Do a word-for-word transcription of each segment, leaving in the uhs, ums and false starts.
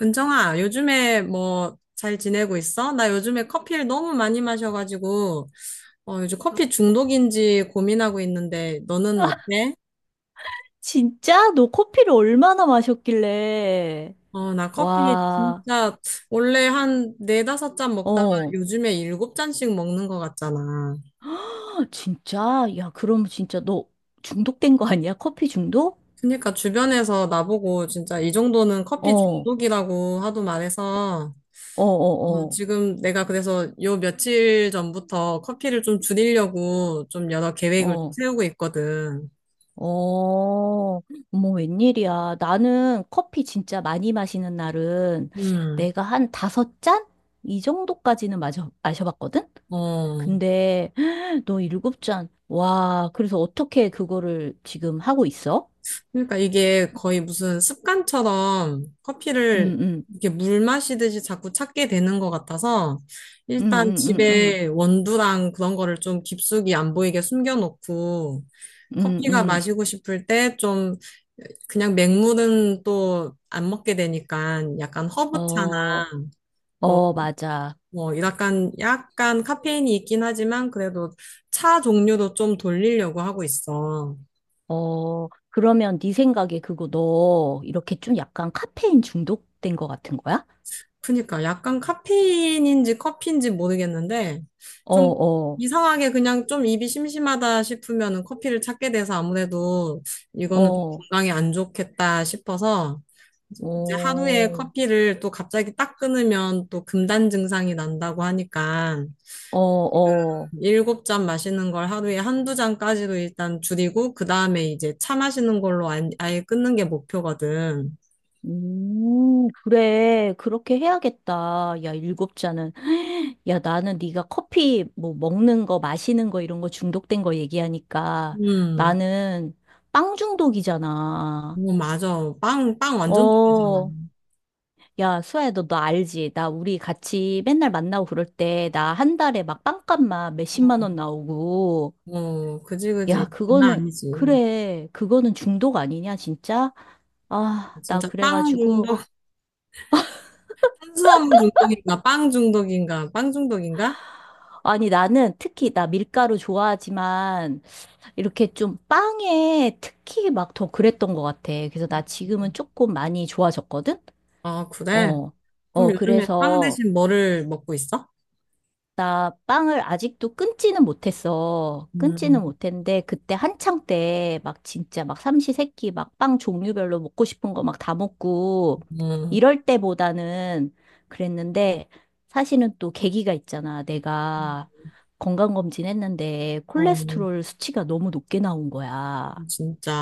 은정아, 요즘에 뭐 잘 지내고 있어? 나 요즘에 커피를 너무 많이 마셔가지고, 어, 요즘 커피 중독인지 고민하고 있는데, 너는 어때? 진짜? 너 커피를 얼마나 마셨길래? 어, 나 커피 와, 진짜 원래 한 네다섯 잔 먹다가 어, 요즘에 일곱 잔씩 먹는 것 같잖아. 헉, 진짜? 야, 그럼 진짜 너 중독된 거 아니야? 커피 중독? 그러니까 주변에서 나보고 진짜 이 정도는 어, 커피 어, 중독이라고 하도 말해서, 어, 어, 어, 지금 내가 그래서 요 며칠 전부터 커피를 좀 줄이려고 좀 여러 계획을 좀 어, 세우고 있거든. 어, 어머, 웬일이야. 나는 커피 진짜 많이 마시는 날은 음. 내가 한 다섯 잔? 이 정도까지는 마셔, 마셔봤거든? 어, 근데 헉, 너 일곱 잔. 와, 그래서 어떻게 그거를 지금 하고 있어? 그러니까 이게 거의 무슨 습관처럼 커피를 응, 응. 이렇게 물 마시듯이 자꾸 찾게 되는 것 같아서 음, 일단 음, 음, 음, 집에 원두랑 그런 거를 좀 깊숙이 안 보이게 숨겨놓고 음, 커피가 음. 마시고 싶을 때 좀 그냥 맹물은 또 안 먹게 되니까 약간 허브차나 어, 뭐, 어, 맞아. 뭐 약간 약간 카페인이 있긴 하지만 그래도 차 종류도 좀 돌리려고 하고 있어. 어, 그러면 네 생각에 그거 너 이렇게 좀 약간 카페인 중독된 거 같은 거야? 그니까 약간 카페인인지 커피인지 모르겠는데 어, 좀 어, 이상하게 그냥 좀 입이 심심하다 싶으면은 커피를 찾게 돼서 아무래도 이거는 좀 어, 건강에 안 좋겠다 싶어서 이제 하루에 어, 커피를 또 갑자기 딱 끊으면 또 금단 증상이 난다고 하니까 어, 어. 일곱 잔 마시는 걸 하루에 한두 잔까지로 일단 줄이고 그 다음에 이제 차 마시는 걸로 안- 아예 끊는 게 목표거든. 음, 그래. 그렇게 해야겠다. 야, 일곱 잔은. 야, 나는 네가 커피 뭐 먹는 거, 마시는 거 이런 거 중독된 거 얘기하니까 음, 나는 빵 중독이잖아. 뭐 맞아. 빵, 빵 완전 어, 좋아하잖아. 야, 수아야, 너, 너 알지? 나 우리 같이 맨날 만나고 그럴 때, 나 한 달에 막 빵값만 몇십만 어. 원 나오고. 어, 그지, 그지. 야, 장난 그거는, 아니지. 그래. 그거는 중독 아니냐, 진짜? 아, 나 진짜 빵 그래가지고. 중독, 탄수화물 중독인가, 빵 중독인가, 빵 중독인가? 아니, 나는 특히, 나 밀가루 좋아하지만, 이렇게 좀 빵에 특히 막 더 그랬던 것 같아. 그래서 나 지금은 조금 많이 좋아졌거든? 아, 그래? 어. 어, 그럼 요즘에 빵 그래서. 대신 뭐를 먹고 있어? 나 빵을 아직도 끊지는 못했어. 끊지는 음, 못했는데 그때 한창 때 막 진짜 막 삼시세끼 막 빵 종류별로 먹고 싶은 거 막 다 먹고 음, 이럴 때보다는 그랬는데 사실은 또 계기가 있잖아. 내가 건강검진 했는데 어, 콜레스테롤 수치가 너무 높게 나온 거야. 진짜.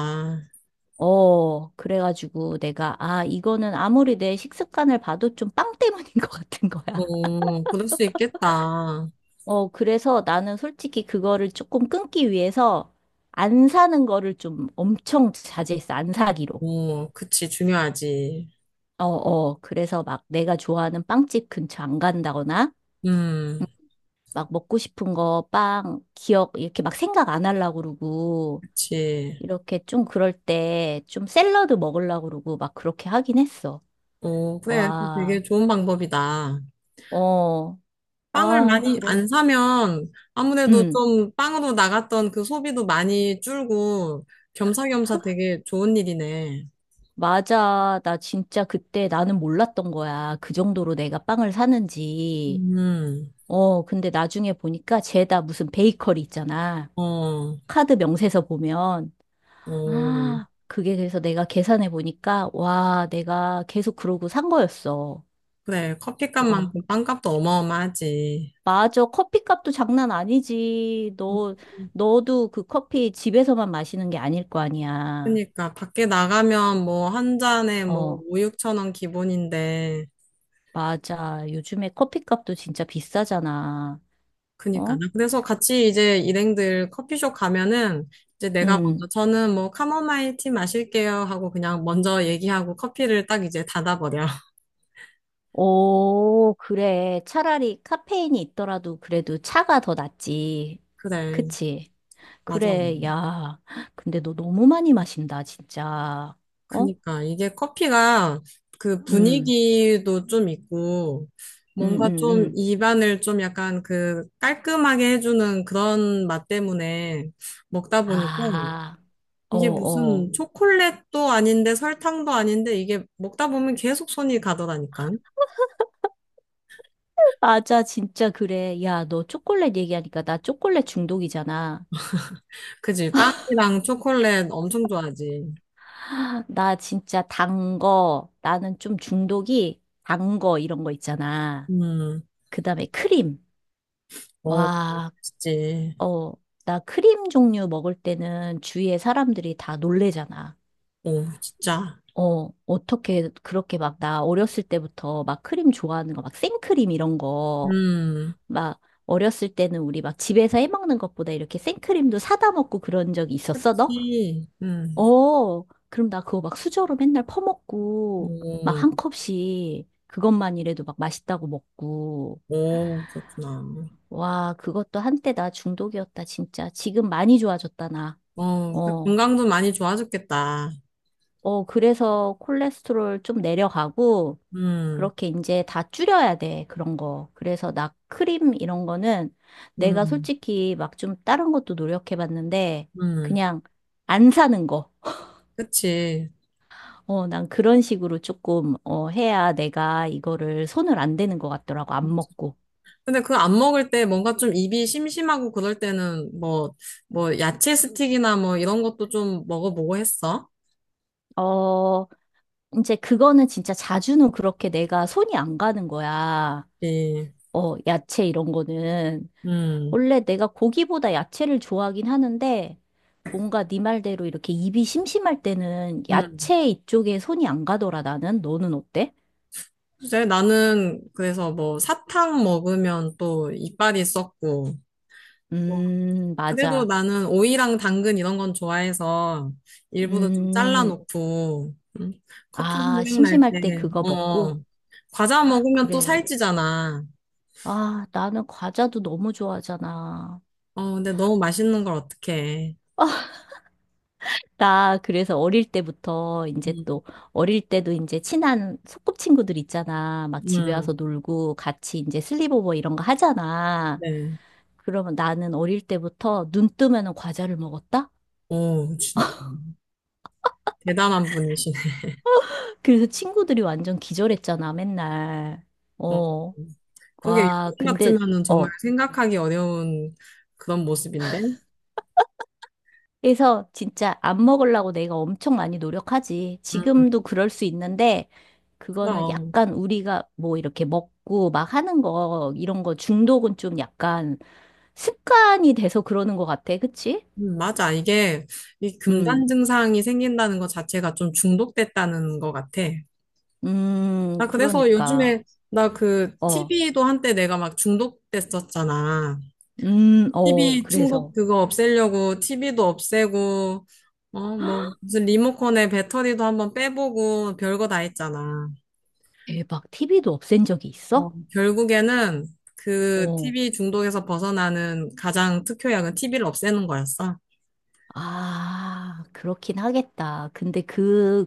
어, 그래가지고 내가 아, 이거는 아무리 내 식습관을 봐도 좀 빵 때문인 것 같은 거야. 어, 그럴 수 있겠다. 어, 그래서 나는 솔직히 그거를 조금 끊기 위해서 안 사는 거를 좀 엄청 자제했어. 안 사기로. 어, 그치, 중요하지. 어, 어. 그래서 막 내가 좋아하는 빵집 근처 안 간다거나 음, 막 먹고 싶은 거, 빵, 기억 이렇게 막 생각 안 하려고 그러고 그치. 이렇게 좀 그럴 때 좀 샐러드 먹으려고 그러고 막 그렇게 하긴 했어. 어, 그래. 그거 와. 되게 좋은 방법이다. 어. 빵을 아, 많이 그래서 안 사면 아무래도 음. 좀 빵으로 나갔던 그 소비도 많이 줄고 겸사겸사 되게 좋은 일이네. 맞아. 나 진짜 그때 나는 몰랐던 거야. 그 정도로 내가 빵을 사는지. 음, 어, 근데 나중에 보니까 쟤다 무슨 베이커리 있잖아. 어, 카드 명세서 보면. 어, 아, 그게 그래서 내가 계산해 보니까, 와, 내가 계속 그러고 산 거였어. 그래. 와, 커피값만큼 빵값도 어마어마하지. 맞아. 커피값도 장난 아니지. 너, 너도 그 커피 집에서만 마시는 게 아닐 거 아니야. 그니까 밖에 나가면 뭐 한 잔에 뭐 어, 오, 육천 원 기본인데 맞아. 요즘에 커피값도 진짜 비싸잖아. 그니까 어? 나 그래서 같이 이제 일행들 커피숍 가면은 이제 내가 음 먼저 저는 뭐 카모마일 티 마실게요 하고 그냥 먼저 얘기하고 커피를 딱 이제 닫아버려. 오, 그래. 차라리 카페인이 있더라도 그래도 차가 더 낫지. 그래, 그치? 맞아. 그래, 야. 근데 너 너무 많이 마신다, 진짜. 어? 그니까 이게 커피가 그 음, 분위기도 좀 있고 음, 뭔가 음, 좀 음. 입안을 좀 약간 그 깔끔하게 해주는 그런 맛 때문에 먹다 보니까 아, 어, 이게 어. 무슨 초콜릿도 아닌데 설탕도 아닌데 이게 먹다 보면 계속 손이 가더라니까. 맞아, 진짜 그래. 야, 너 초콜릿 얘기하니까 나 초콜릿 중독이잖아. 그지? 빵이랑 초콜릿 엄청 좋아하지. 나 진짜 단 거, 나는 좀 중독이 단거 이런 거 있잖아. 음, 그 다음에 크림. 어, 와, 그치. 어, 나 크림 종류 먹을 때는 주위에 사람들이 다 놀래잖아. 어, 진짜. 어, 어떻게 그렇게 막 나 어렸을 때부터 막 크림 좋아하는 거, 막 생크림 이런 거, 음, 막 어렸을 때는 우리 막 집에서 해 먹는 것보다 이렇게 생크림도 사다 먹고 그런 적이 있었어, 너? 그치. 음. 어, 그럼 나 그거 막 수저로 맨날 퍼먹고, 막 어, 한 컵씩 그것만이라도 막 맛있다고 먹고. 오, 그렇구나. 와, 그것도 한때 나 중독이었다, 진짜. 지금 많이 좋아졌다, 나. 어, 그 어. 건강도 많이 좋아졌겠다. 어, 그래서 콜레스테롤 좀 내려가고, 음, 그렇게 이제 다 줄여야 돼, 그런 거. 그래서 나 크림 이런 거는 내가 음, 솔직히 막 좀 다른 것도 노력해봤는데, 음. 그냥 안 사는 거. 그치. 어, 난 그런 식으로 조금, 어, 해야 내가 이거를 손을 안 대는 것 같더라고, 안 먹고. 근데 그거 안 먹을 때 뭔가 좀 입이 심심하고 그럴 때는 뭐, 뭐, 야채 스틱이나 뭐 이런 것도 좀 먹어보고 했어. 어, 이제 그거는 진짜 자주는 그렇게 내가 손이 안 가는 거야. 예. 어, 야채 이런 거는. 음, 원래 내가 고기보다 야채를 좋아하긴 하는데 뭔가 네 말대로 이렇게 입이 심심할 때는 음. 야채 이쪽에 손이 안 가더라, 나는. 너는 어때? 글쎄, 나는 그래서 뭐 사탕 먹으면 또 이빨이 썩고, 음, 그래도 맞아. 나는 오이랑 당근 이런 건 좋아해서 일부러 좀 음, 잘라놓고 음, 커피 아, 생각날 심심할 때 때, 그거 먹고? 어, 과자 먹으면 또 그래. 살찌잖아. 아, 나는 과자도 너무 좋아하잖아. 어, 근데 너무 맛있는 걸 어떡해. 나 그래서 어릴 때부터 이제 음, 또 어릴 때도 이제 친한 소꿉친구들 있잖아. 막 집에 와서 음, 놀고 같이 이제 슬립오버 이런 거 하잖아. 네. 그러면 나는 어릴 때부터 눈 뜨면은 과자를 먹었다? 오, 진짜 대단한 분이시네. 그래서 친구들이 완전 기절했잖아, 맨날. 어, 어, 그게 와, 요즘 근데, 같으면은 정말 어, 생각하기 어려운 그런 모습인데. 그래서 진짜 안 먹으려고 내가 엄청 많이 노력하지. 음, 지금도 그럴 수 있는데, 그거는 그럼. 약간 우리가 뭐 이렇게 먹고 막 하는 거, 이런 거 중독은 좀 약간 습관이 돼서 그러는 것 같아. 그치? 음, 맞아. 이게 이 음, 금단 증상이 생긴다는 것 자체가 좀 중독됐다는 것 같아. 음, 나 그래서 그러니까. 요즘에 나 그 어, 티비도 한때 내가 막 중독됐었잖아. 음, 어, 티비 충독 그래서. 그거 없애려고 티비도 없애고 어 뭐 무슨 리모컨에 배터리도 한번 빼보고 별거 다 했잖아. 대박. 티비도 없앤 적이 있어? 어 결국에는 그 어. 티비 중독에서 벗어나는 가장 특효약은 티비를 없애는 거였어. 아, 그렇긴 하겠다. 근데 그,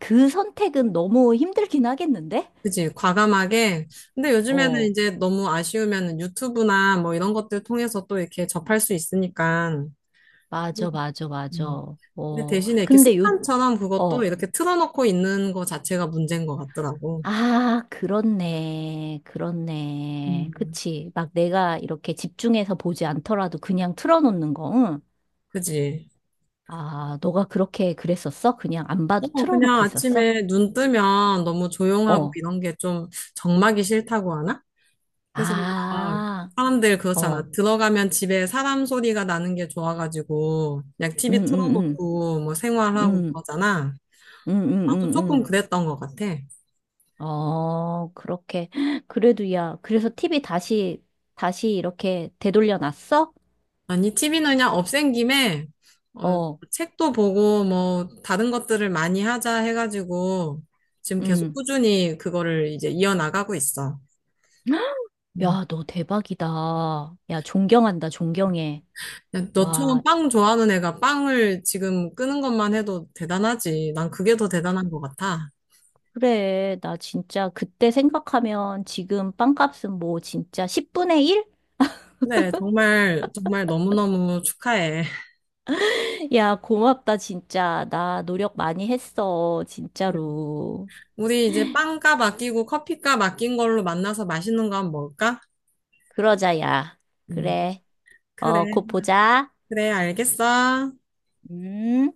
그 선택은 너무 힘들긴 하겠는데? 그지, 과감하게. 근데 요즘에는 어. 이제 너무 아쉬우면 유튜브나 뭐 이런 것들 통해서 또 이렇게 접할 수 있으니까. 맞아, 맞아, 맞아. 음. 근데 어, 대신에 이렇게 근데 요, 습관처럼 그것도 어, 이렇게 틀어놓고 있는 거 자체가 문제인 것 같더라고. 아, 그렇네. 그렇네. 음, 그치. 막 내가 이렇게 집중해서 보지 않더라도 그냥 틀어놓는 거, 응? 그지? 아, 너가 그렇게 그랬었어? 그냥 안 봐도 어, 그냥 틀어놓고 있었어? 아침에 눈 뜨면 너무 조용하고 어, 이런 게 좀 적막이 싫다고 하나? 그래서 막 아, 사람들 어, 그렇잖아. 들어가면 집에 사람 소리가 나는 게 좋아가지고 그냥 응, 티비 응, 응, 틀어놓고 뭐 생활하고 응, 그러잖아. 응, 나도 응, 조금 응, 그랬던 것 같아. 응. 어, 그렇게. 그래도 야, 그래서 티비 다시, 다시 이렇게 되돌려 놨어? 아니, 티비 는 그냥 없앤 김에, 어, 어, 책도 보고, 뭐, 다른 것들을 많이 하자 해가지고, 지금 계속 응. 꾸준히 그거를 이제 이어나가고 있어. 음. 야, 너 대박이다. 야, 존경한다, 존경해. 야, 와, 너처럼 빵 좋아하는 애가 빵을 지금 끄는 것만 해도 대단하지. 난 그게 더 대단한 것 같아. 그래. 나 진짜 그때 생각하면 지금 빵값은 뭐 진짜 십분의 일? 네, 정말, 정말 너무너무 축하해. 야, 고맙다, 진짜. 나 노력 많이 했어, 진짜로. 우리 이제 빵값 아끼고 커피값 아낀 걸로 만나서 맛있는 거 한번 먹을까? 그러자, 야. 음, 그래. 그래, 어, 곧 보자. 그래, 알겠어. 음.